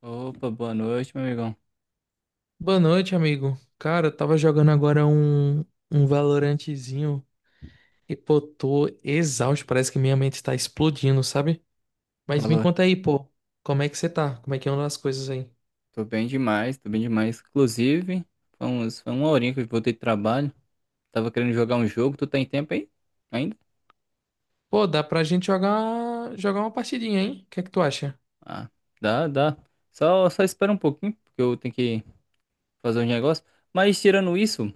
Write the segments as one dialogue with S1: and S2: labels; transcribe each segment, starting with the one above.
S1: Opa, boa noite, meu amigão.
S2: Boa noite, amigo. Cara, eu tava jogando agora um Valorantezinho e, pô, tô exausto. Parece que minha mente tá explodindo, sabe? Mas me
S1: Valor.
S2: conta aí, pô, como é que você tá? Como é que andam as coisas aí?
S1: Tô bem demais, tô bem demais. Inclusive, foi uma horinha que eu voltei de trabalho. Tava querendo jogar um jogo. Tu tá em tempo aí? Ainda?
S2: Pô, dá pra gente jogar uma partidinha, hein? O que é que tu acha?
S1: Ah, dá. Só espera um pouquinho, porque eu tenho que fazer uns negócios. Mas tirando isso,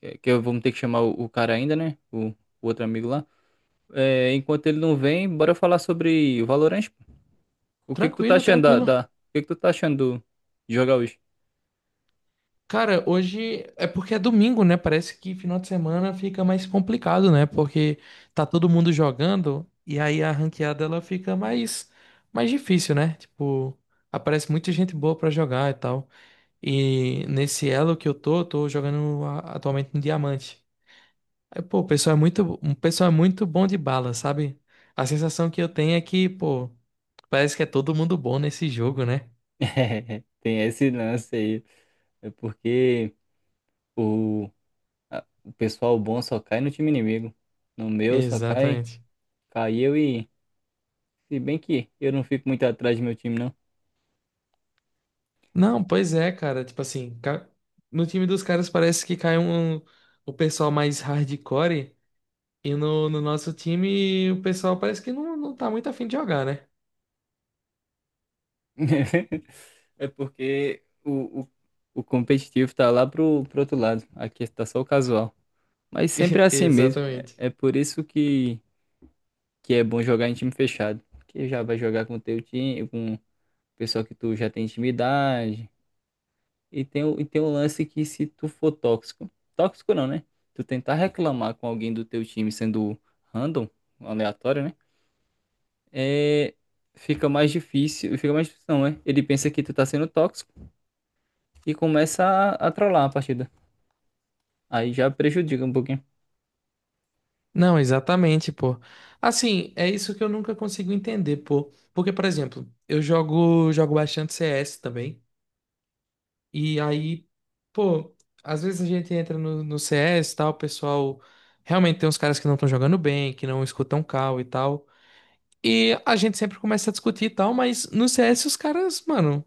S1: que eu vou ter que chamar o cara ainda, né? O outro amigo lá. É, enquanto ele não vem, bora falar sobre o Valorant, pô. O que que tu tá
S2: Tranquilo,
S1: achando
S2: tranquilo.
S1: O que que tu tá achando do- de jogar hoje?
S2: Cara, hoje é porque é domingo, né? Parece que final de semana fica mais complicado, né? Porque tá todo mundo jogando e aí a ranqueada ela fica mais difícil, né? Tipo, aparece muita gente boa pra jogar e tal. E nesse elo que eu tô jogando atualmente no diamante. Aí, pô, o pessoal é muito bom de bala, sabe? A sensação que eu tenho é que, pô, parece que é todo mundo bom nesse jogo, né?
S1: É, tem esse lance aí. É porque o o pessoal bom só cai no time inimigo. No meu só cai,
S2: Exatamente.
S1: cai eu e. Se bem que eu não fico muito atrás do meu time, não.
S2: Não, pois é, cara. Tipo assim, no time dos caras parece que cai um, o pessoal mais hardcore. E no nosso time o pessoal parece que não tá muito afim de jogar, né?
S1: É porque o competitivo tá lá pro outro lado. Aqui tá só o casual. Mas sempre é assim mesmo.
S2: Exatamente.
S1: É, é por isso que é bom jogar em time fechado. Porque já vai jogar com o teu time, com o pessoal que tu já tem intimidade. E tem, e tem um lance que se tu for tóxico, tóxico não, né? Tu tentar reclamar com alguém do teu time sendo random, aleatório, né? É, fica mais difícil não, é? Ele pensa que tu tá sendo tóxico e começa a trollar a partida. Aí já prejudica um pouquinho.
S2: Não, exatamente, pô. Assim, é isso que eu nunca consigo entender, pô. Porque, por exemplo, eu jogo bastante CS também. E aí, pô, às vezes a gente entra no CS e tal, o pessoal. Realmente tem uns caras que não estão jogando bem, que não escutam call e tal. E a gente sempre começa a discutir e tal, mas no CS os caras, mano.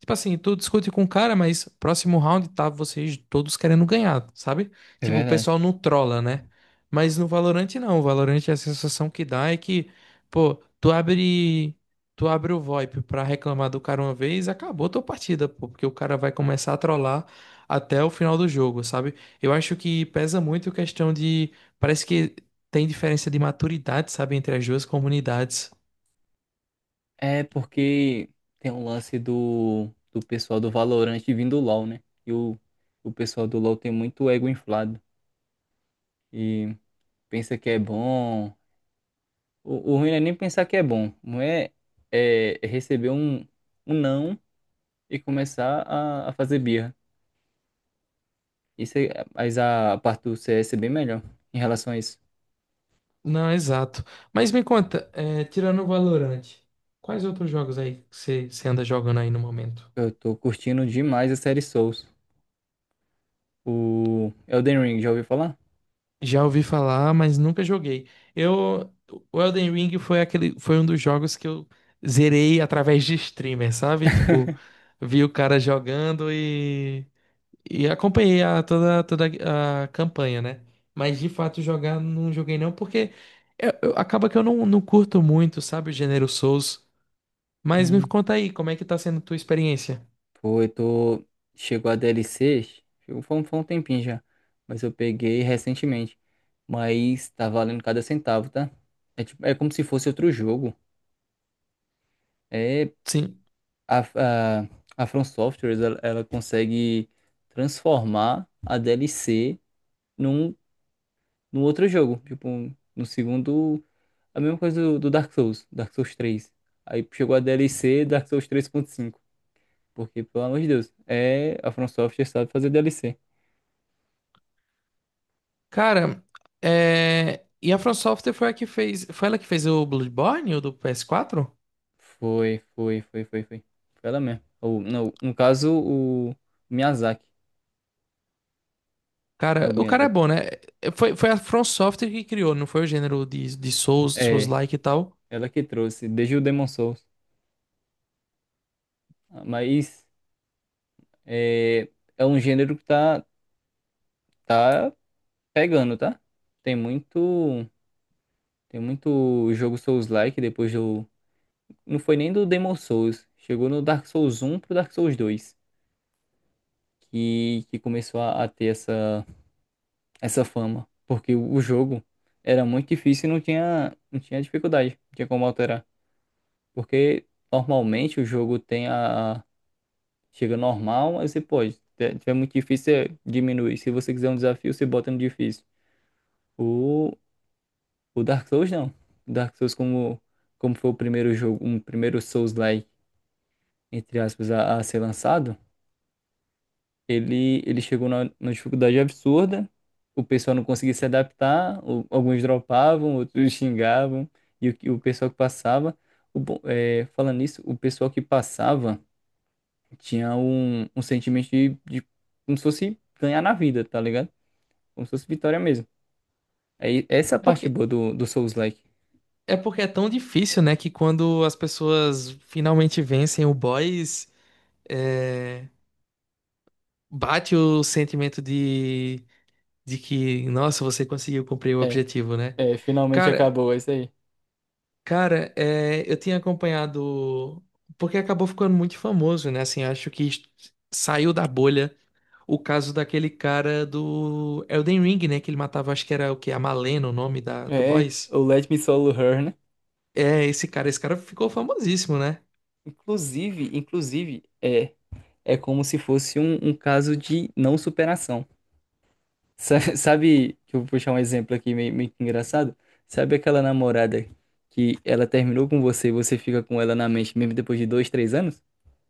S2: Tipo assim, tu discute com o cara, mas próximo round tá vocês todos querendo ganhar, sabe?
S1: É
S2: Tipo, o
S1: verdade.
S2: pessoal não trola, né? Mas no Valorant não. O Valorant é a sensação que dá é que, pô, tu abre. Tu abre o VoIP pra reclamar do cara uma vez, acabou tua partida, pô, porque o cara vai começar a trollar até o final do jogo, sabe? Eu acho que pesa muito a questão de. Parece que tem diferença de maturidade, sabe, entre as duas comunidades.
S1: É porque tem um lance do, do pessoal do Valorant vindo do LoL, né? E o pessoal do LoL tem muito ego inflado e pensa que é bom. O ruim não é nem pensar que é bom. Não é, é receber um, um não e começar a fazer birra. Isso é, mas a parte do CS é bem melhor em relação a isso.
S2: Não, exato. Mas me conta, é, tirando o Valorant, quais outros jogos aí que você anda jogando aí no momento?
S1: Eu tô curtindo demais a série Souls. O Elden Ring, já ouviu falar?
S2: Já ouvi falar, mas nunca joguei. Eu, o Elden Ring foi aquele, foi um dos jogos que eu zerei através de streamer, sabe? Tipo, vi o cara jogando e acompanhei toda a campanha, né? Mas de fato jogar não joguei não, porque acaba que eu não curto muito, sabe, o gênero Souls. Mas me
S1: Uhum.
S2: conta aí, como é que tá sendo a tua experiência?
S1: Pô, eu tô. Chegou a DLC. Chegou, foi um tempinho já. Mas eu peguei recentemente. Mas tá valendo cada centavo, tá? É, tipo, é como se fosse outro jogo. É.
S2: Sim.
S1: A, a, a From Software, ela consegue transformar a DLC num, num outro jogo. Tipo, no segundo. A mesma coisa do, do Dark Souls, Dark Souls três. Aí chegou a DLC Dark Souls três ponto cinco. Porque, pelo amor de Deus, é, a From Software sabe fazer DLC.
S2: Cara, e a From Software foi a que fez. Foi ela que fez o Bloodborne, o do PS4?
S1: Foi. Foi ela mesmo. Ou, não, no caso, o Miyazaki. É o
S2: Cara, o cara é
S1: Miyazaki.
S2: bom, né? Foi a From Software que criou, não foi o gênero de Souls,
S1: É,
S2: Souls-like e tal.
S1: ela que trouxe, desde o Demon Souls. Mas é, é um gênero que tá, tá pegando, tá? Tem muito, tem muito jogo Souls-like depois do, não foi nem do Demon Souls, chegou no Dark Souls um pro Dark Souls 2 que começou a ter essa fama, porque o jogo era muito difícil e não tinha, não tinha dificuldade, não tinha como alterar, porque normalmente o jogo tem a chega normal, aí você pode, se tiver muito difícil, você diminui. Se você quiser um desafio, você bota no difícil. O, O Dark Souls não. O Dark Souls, como, como foi o primeiro jogo, um primeiro Souls-like, entre aspas, a ser lançado, ele chegou numa dificuldade absurda, o pessoal não conseguia se adaptar, alguns dropavam, outros xingavam, e o pessoal que passava. Falando nisso, o pessoal que passava tinha um, um sentimento de como se fosse ganhar na vida, tá ligado? Como se fosse vitória mesmo. Aí, essa é a
S2: É
S1: parte
S2: Porque,
S1: boa do, do Souls-like.
S2: é porque é tão difícil, né? Que quando as pessoas finalmente vencem o boss, é, bate o sentimento de que, nossa, você conseguiu cumprir o
S1: É,
S2: objetivo, né?
S1: é, finalmente
S2: Cara,
S1: acabou, é isso aí.
S2: Cara, é, eu tinha acompanhado, porque acabou ficando muito famoso, né? Assim, saiu da bolha o caso daquele cara do Elden Ring, né? Que ele matava, acho que era o quê? A Malena, o nome do
S1: É,
S2: boss.
S1: o Let Me Solo Her, né?
S2: É, esse cara ficou famosíssimo, né?
S1: Inclusive, é, é como se fosse um, um caso de não superação. Sabe, que eu vou puxar um exemplo aqui meio, meio que engraçado? Sabe aquela namorada que ela terminou com você e você fica com ela na mente mesmo depois de dois, três anos?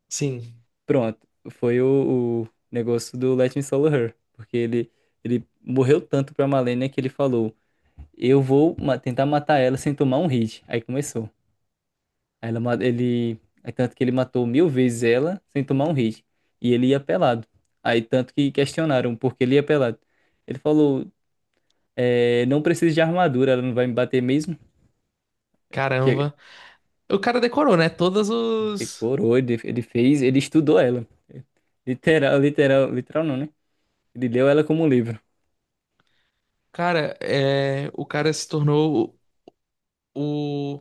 S2: Sim,
S1: Pronto, foi o negócio do Let Me Solo Her. Porque ele morreu tanto pra Malenia que ele falou, eu vou tentar matar ela sem tomar um hit. Aí começou. É tanto que ele matou mil vezes ela sem tomar um hit. E ele ia pelado. Aí tanto que questionaram por que ele ia pelado. Ele falou, é, não precisa de armadura, ela não vai me bater mesmo. Chega.
S2: caramba. O cara decorou, né? Todos os.
S1: Decorou, ele fez, ele estudou ela. Literal, literal, literal não, né? Ele leu ela como um livro.
S2: Cara, é, o cara se tornou o,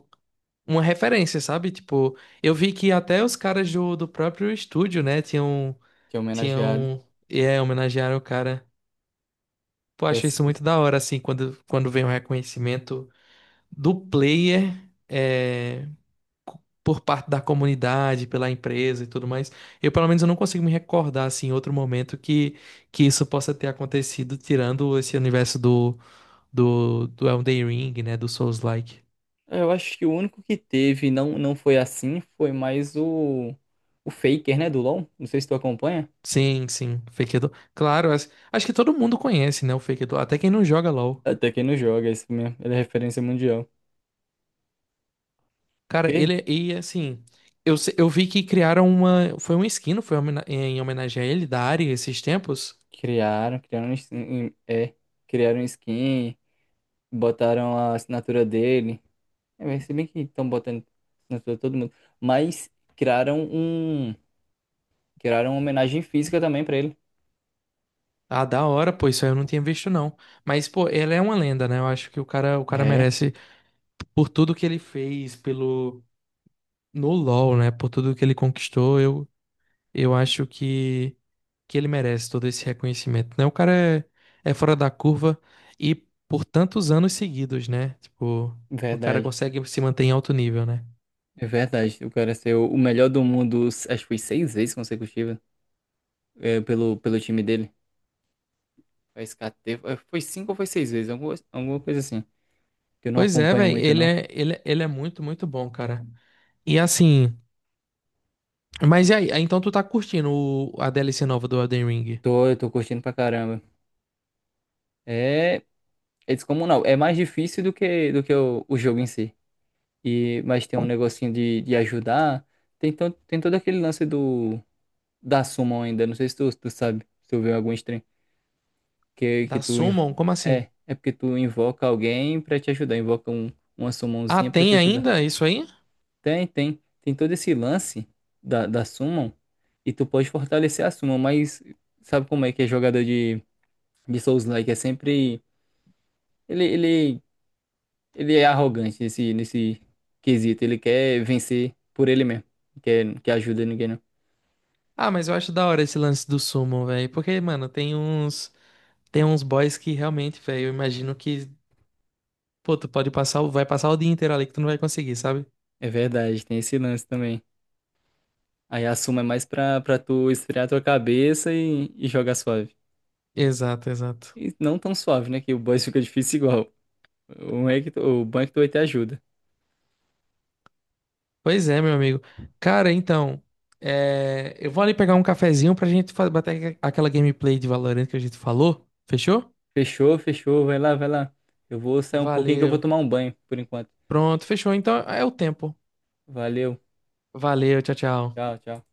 S2: uma referência, sabe? Tipo, eu vi que até os caras do próprio estúdio, né? Tinham.
S1: Que é homenageado.
S2: tinham e é, homenagearam o cara. Pô, acho
S1: Essa-
S2: isso muito da hora, assim, quando vem o reconhecimento do player é, por parte da comunidade, pela empresa e tudo mais. Eu não consigo me recordar, assim, em outro momento que isso possa ter acontecido, tirando esse universo do Elden Ring, né, do Souls-like.
S1: eu acho que o único que teve, não, não foi assim, foi mais o Faker, né, do LoL. Não sei se tu acompanha.
S2: Sim, sim, Fake Edo. Claro, acho que todo mundo conhece, né, o Fake Edo, até quem não joga LoL.
S1: Até quem não joga, é isso mesmo. Ele é referência mundial.
S2: Cara,
S1: Porque
S2: ele e assim, eu, se- eu vi que criaram uma, foi uma skin, não foi homena- em homenagem a ele da Ari esses tempos.
S1: criaram um é, criaram um skin, botaram a assinatura dele. É, mas se bem que estão botando assinatura de todo mundo. Mas criaram um, criaram uma homenagem física também pra ele.
S2: Ah, da hora, pô, isso aí eu não tinha visto não. Mas pô, ele é uma lenda, né? Eu acho que o cara
S1: É,
S2: merece por tudo que ele fez pelo no LoL, né? Por tudo que ele conquistou, eu acho que ele merece todo esse reconhecimento, né? O cara é, é fora da curva e por tantos anos seguidos, né? Tipo, o cara
S1: verdade.
S2: consegue se manter em alto nível, né?
S1: É verdade. O cara ser o melhor do mundo, acho que foi seis vezes consecutiva, é, pelo, pelo time dele. Foi SKT, foi foi cinco ou foi seis vezes, alguma, alguma coisa assim. Que eu não
S2: Pois é,
S1: acompanho
S2: velho,
S1: muito, não.
S2: ele é muito bom, cara. E assim, mas e aí? Ah, então tu tá curtindo a DLC nova do Elden Ring?
S1: Tô, eu tô curtindo pra caramba. É, É descomunal. É mais difícil do que o jogo em si. E, mas tem um negocinho de ajudar. Tem, tem todo aquele lance do da summon ainda. Não sei se tu sabe, se tu viu algum stream. Que, que
S2: Da
S1: tu. inv-
S2: Summon? Como assim?
S1: É, é porque tu invoca alguém pra te ajudar. Invoca uma
S2: Ah,
S1: summonzinha pra te
S2: tem
S1: ajudar.
S2: ainda isso aí?
S1: Tem, tem. Tem todo esse lance da, da summon. E tu pode fortalecer a summon, mas sabe como é que é jogador de Souls-like? É sempre. Ele, ele Ele é arrogante nesse, nesse quesito. Ele quer vencer por ele mesmo. Não Quer, não quer ajuda ninguém, não.
S2: Ah, mas eu acho da hora esse lance do Summon, velho. Porque, mano, tem uns boys que realmente, velho, eu imagino que, pô, tu pode passar, vai passar o dia inteiro ali que tu não vai conseguir, sabe?
S1: É verdade, tem esse lance também. Aí a suma é mais pra, pra tu esfriar tua cabeça e jogar suave.
S2: Exato, exato.
S1: E não tão suave, né? Que o boss fica difícil igual. O bom é que tu vai ter ajuda.
S2: Pois é, meu amigo. Cara, então, é, eu vou ali pegar um cafezinho pra gente bater aquela gameplay de Valorant que a gente falou. Fechou?
S1: Fechou, fechou. Vai lá, vai lá. Eu vou sair um pouquinho que eu vou
S2: Valeu.
S1: tomar um banho por enquanto.
S2: Pronto, fechou. Então é o tempo.
S1: Valeu.
S2: Valeu, tchau, tchau.
S1: Tchau, tchau.